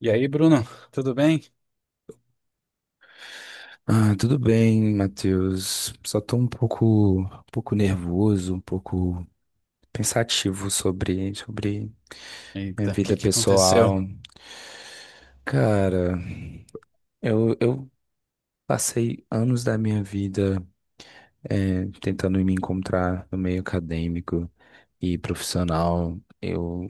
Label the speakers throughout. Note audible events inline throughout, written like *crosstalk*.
Speaker 1: E aí, Bruno, tudo bem?
Speaker 2: Ah, tudo bem, Matheus. Só tô um pouco nervoso, um pouco pensativo sobre minha
Speaker 1: Eita, o que
Speaker 2: vida
Speaker 1: que aconteceu?
Speaker 2: pessoal. Cara, eu passei anos da minha vida tentando me encontrar no meio acadêmico e profissional. Eu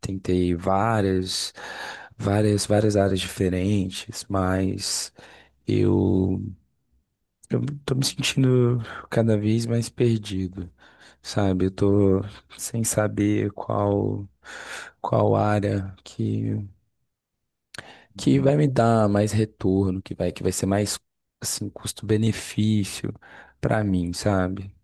Speaker 2: tentei várias áreas diferentes, mas eu, eu tô me sentindo cada vez mais perdido. Sabe? Eu tô sem saber qual área que vai me dar mais retorno, que vai ser mais assim custo-benefício pra mim, sabe?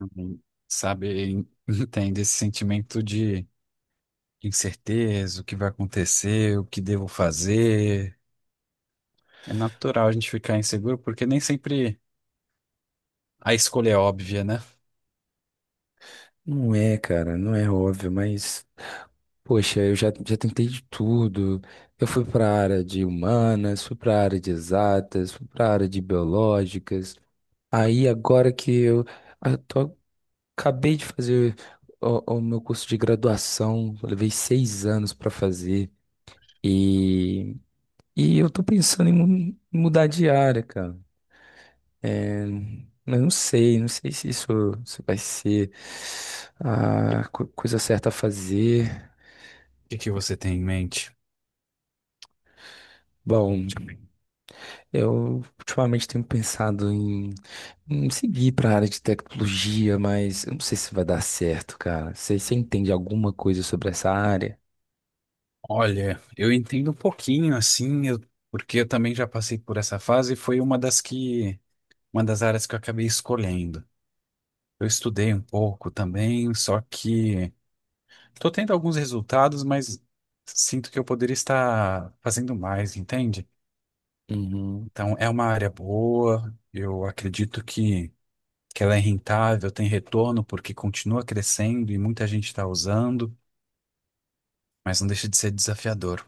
Speaker 1: Hum. Sabe, *laughs* entende esse sentimento de incerteza, o que vai acontecer, o que devo fazer. É natural a gente ficar inseguro, porque nem sempre a escolha é óbvia, né? O
Speaker 2: Não é, cara, não é óbvio, mas poxa, já tentei de tudo. Eu fui pra área de humanas, fui pra área de exatas, fui pra área de biológicas. Aí agora que eu acabei de fazer o meu curso de graduação, eu levei 6 anos para fazer e, e eu tô pensando em mudar de área, cara. É, mas não sei se vai ser a coisa certa a fazer.
Speaker 1: que que você tem em mente?
Speaker 2: Bom, eu ultimamente tenho pensado em seguir para a área de tecnologia, mas eu não sei se vai dar certo, cara. Você entende alguma coisa sobre essa área?
Speaker 1: Olha, eu entendo um pouquinho, assim, porque eu também já passei por essa fase e foi uma uma das áreas que eu acabei escolhendo. Eu estudei um pouco também, só que estou tendo alguns resultados, mas sinto que eu poderia estar fazendo mais, entende?
Speaker 2: Uhum.
Speaker 1: Então, é uma área boa, eu que ela é rentável, tem retorno, porque continua crescendo e muita gente está usando, mas não deixa de ser desafiador.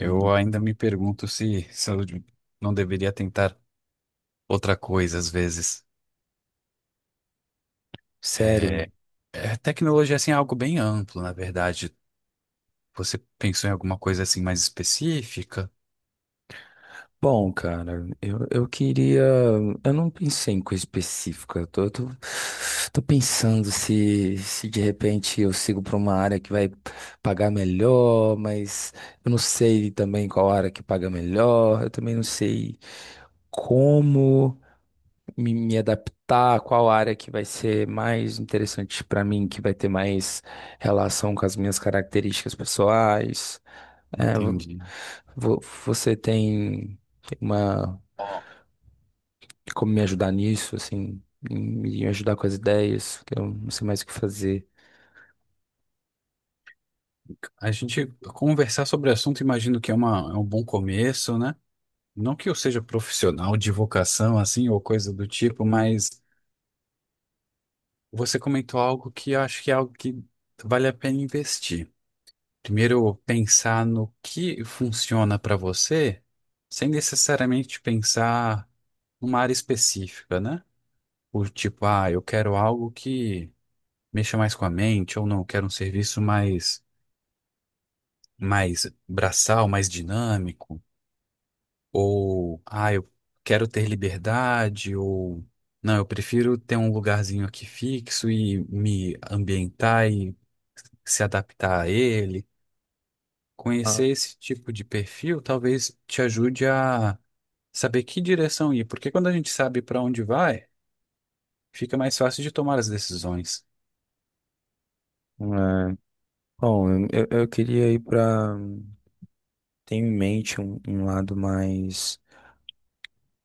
Speaker 2: Uhum.
Speaker 1: ainda me pergunto se eu não deveria tentar outra coisa às vezes.
Speaker 2: Sério?
Speaker 1: É, tecnologia assim, é algo bem amplo, na verdade. Você pensou em alguma coisa assim mais específica?
Speaker 2: Bom, cara, eu queria. Eu não pensei em coisa específica. Tô pensando se de repente eu sigo para uma área que vai pagar melhor, mas eu não sei também qual área que paga melhor. Eu também não sei como me adaptar, qual área que vai ser mais interessante para mim, que vai ter mais relação com as minhas características pessoais. É,
Speaker 1: Entendi.
Speaker 2: vo- você tem. Tem uma como me ajudar nisso, assim, em me ajudar com as ideias, que eu não sei mais o que fazer.
Speaker 1: A gente conversar sobre o assunto, imagino que é um bom começo, né? Não que eu seja profissional de vocação, assim, ou coisa do tipo, mas você comentou algo que eu acho que é algo que vale a pena investir. Primeiro, pensar no que funciona para você, sem necessariamente pensar numa área específica, né? O tipo, ah, eu quero algo que mexa mais com a mente, ou não, eu quero um serviço mais braçal, mais dinâmico. Ou, ah, eu quero ter liberdade, ou, não, eu prefiro ter um lugarzinho aqui fixo e me ambientar e se adaptar a ele.
Speaker 2: Ah.
Speaker 1: Conhecer esse tipo de perfil talvez te ajude a saber que direção ir, porque quando a gente sabe para onde vai, fica mais fácil de tomar as decisões.
Speaker 2: É, bom, eu queria ir para. Tenho em mente um lado mais,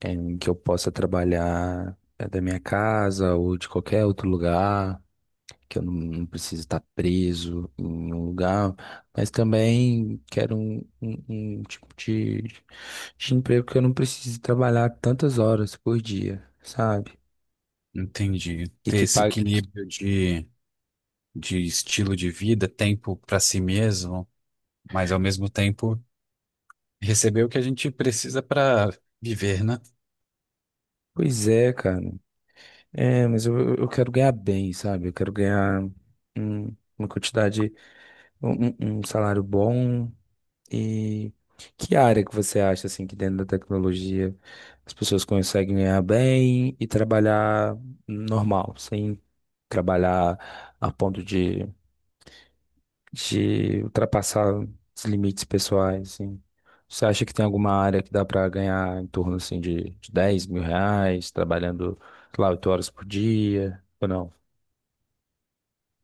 Speaker 2: em que eu possa trabalhar, da minha casa ou de qualquer outro lugar, que eu não preciso estar preso em um lugar, mas também quero um tipo de emprego que eu não precise trabalhar tantas horas por dia, sabe?
Speaker 1: Entendi.
Speaker 2: E
Speaker 1: Ter
Speaker 2: que
Speaker 1: esse
Speaker 2: pague.
Speaker 1: equilíbrio de estilo de vida, tempo para si mesmo, mas ao mesmo tempo. Receber o que a gente precisa para viver, né?
Speaker 2: Pois é, cara. É, mas eu quero ganhar bem, sabe? Eu quero ganhar uma quantidade, um salário bom. E que área que você acha, assim, que dentro da tecnologia as pessoas conseguem ganhar bem e trabalhar normal, sem trabalhar a ponto de ultrapassar os limites pessoais, assim. Você acha que tem alguma área que dá para ganhar em torno, assim, de R$ 10.000, trabalhando, sei lá, 8 horas por dia, ou não?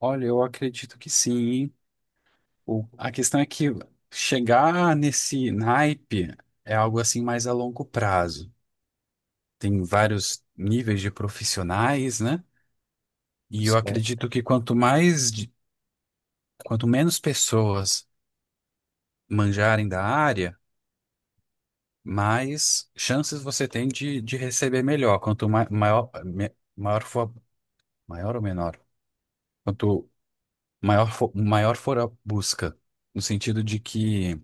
Speaker 1: Olha, eu acredito que sim, hein? A questão é que chegar nesse naipe é algo assim mais a longo prazo. Tem vários níveis de profissionais, né? E eu
Speaker 2: Certo.
Speaker 1: acredito que quanto quanto menos pessoas manjarem da área, mais chances você tem de receber melhor. Quanto maior for, maior ou menor? Quanto maior for a busca, no sentido de que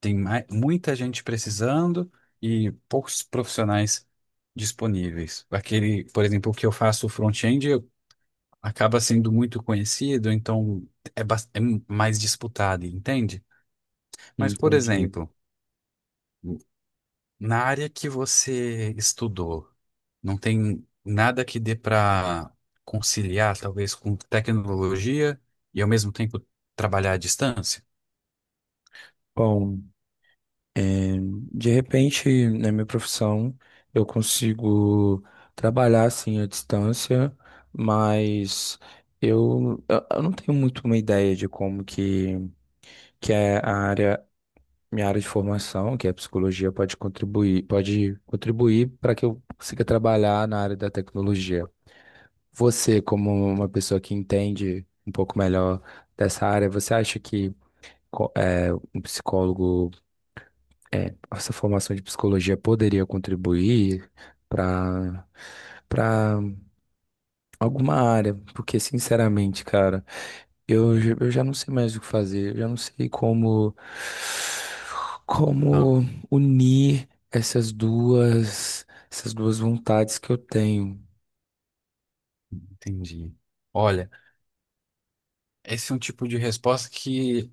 Speaker 1: tem muita gente precisando e poucos profissionais disponíveis. Aquele, por exemplo, que eu faço front-end acaba sendo muito conhecido, então é mais disputado, entende? Mas, por
Speaker 2: Entendi.
Speaker 1: exemplo, na área que você estudou, não tem nada que dê para conciliar, talvez, com tecnologia e ao mesmo tempo trabalhar à distância?
Speaker 2: Bom, de repente, na minha profissão, eu consigo trabalhar, assim, à distância, mas eu não tenho muito uma ideia de como que é a área minha área de formação, que é a psicologia, pode contribuir para que eu consiga trabalhar na área da tecnologia. Você, como uma pessoa que entende um pouco melhor dessa área, você acha que um psicólogo, essa formação de psicologia poderia contribuir para para alguma área? Porque, sinceramente, cara. Eu já não sei mais o que fazer, eu já não sei como como unir essas duas vontades que eu tenho.
Speaker 1: Entendi. Olha, esse é um tipo de resposta que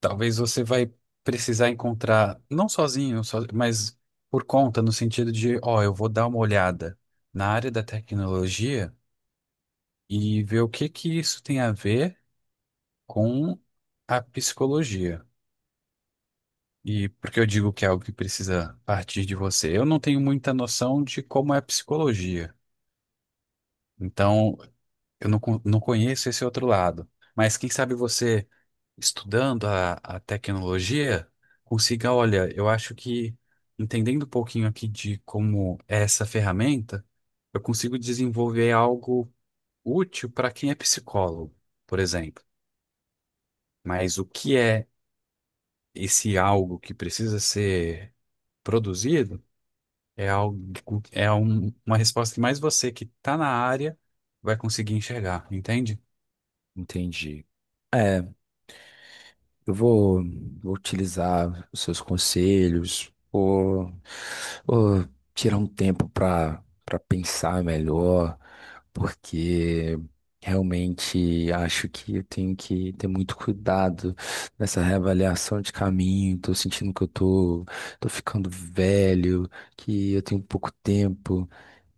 Speaker 1: talvez você vai precisar encontrar, não sozinho, mas por conta, no sentido de, ó, eu vou dar uma olhada na área da tecnologia e ver o que que isso tem a ver com a psicologia. E porque eu digo que é algo que precisa partir de você. Eu não tenho muita noção de como é a psicologia. Então, Eu não, con- não conheço esse outro lado, mas quem sabe você, estudando a tecnologia, consiga, olha, eu acho que entendendo um pouquinho aqui de como é essa ferramenta, eu consigo desenvolver algo útil para quem é psicólogo, por exemplo. Mas o que é esse algo que precisa ser produzido é algo, é uma resposta que mais você que está na área vai conseguir enxergar, entende?
Speaker 2: Entendi. Eu vou, vou utilizar os seus conselhos, vou tirar um tempo para pensar melhor, porque realmente acho que eu tenho que ter muito cuidado nessa reavaliação de caminho. Estou sentindo que tô ficando velho, que eu tenho pouco tempo,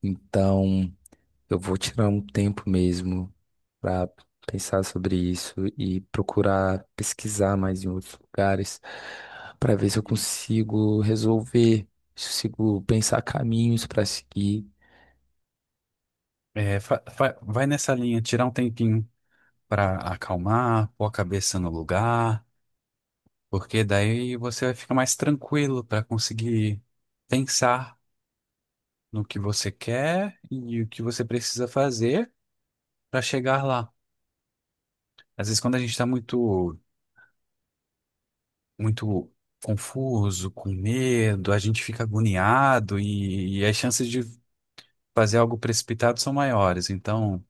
Speaker 2: então. Eu vou tirar um tempo mesmo para pensar sobre isso e procurar pesquisar mais em outros lugares para ver se eu consigo resolver, se eu consigo pensar caminhos para seguir.
Speaker 1: É, vai nessa linha, tirar um tempinho para acalmar, pôr a cabeça no lugar, porque daí você vai ficar mais tranquilo para conseguir pensar no que você quer e o que você precisa fazer para chegar lá. Às vezes, quando a gente está muito confuso, com medo, a gente fica agoniado e as chances de fazer algo precipitado são maiores. Então,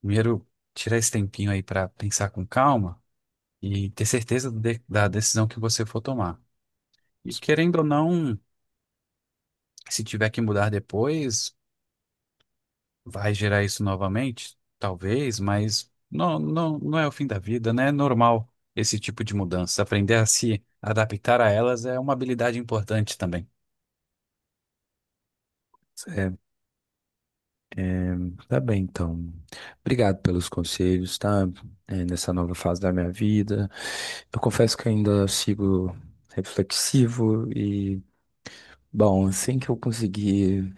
Speaker 1: primeiro, tirar esse tempinho aí para pensar com calma e ter certeza da decisão que você for tomar. E querendo ou não, se tiver que mudar depois, vai gerar isso novamente? Talvez, mas não, não, não é o fim da vida, né? É normal esse tipo de mudança. Aprender a se adaptar a elas é uma habilidade importante também.
Speaker 2: É, tá bem, então. Obrigado pelos conselhos, tá? É, nessa nova fase da minha vida. Eu confesso que ainda sigo reflexivo. E, bom, assim que eu conseguir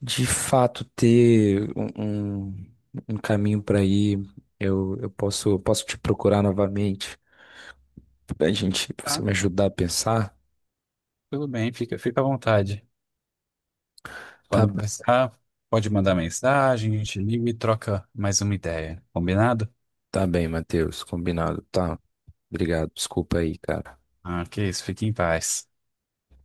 Speaker 2: de fato ter um caminho para ir, eu posso te procurar novamente pra você
Speaker 1: Tá,
Speaker 2: me ajudar a pensar.
Speaker 1: tudo bem, fica à vontade.
Speaker 2: Tá,
Speaker 1: Quando precisar, pode mandar mensagem, a gente liga e troca mais uma ideia. Combinado?
Speaker 2: tá bem, Matheus, combinado, tá? Obrigado, desculpa aí, cara.
Speaker 1: Ah, que isso, fique em paz.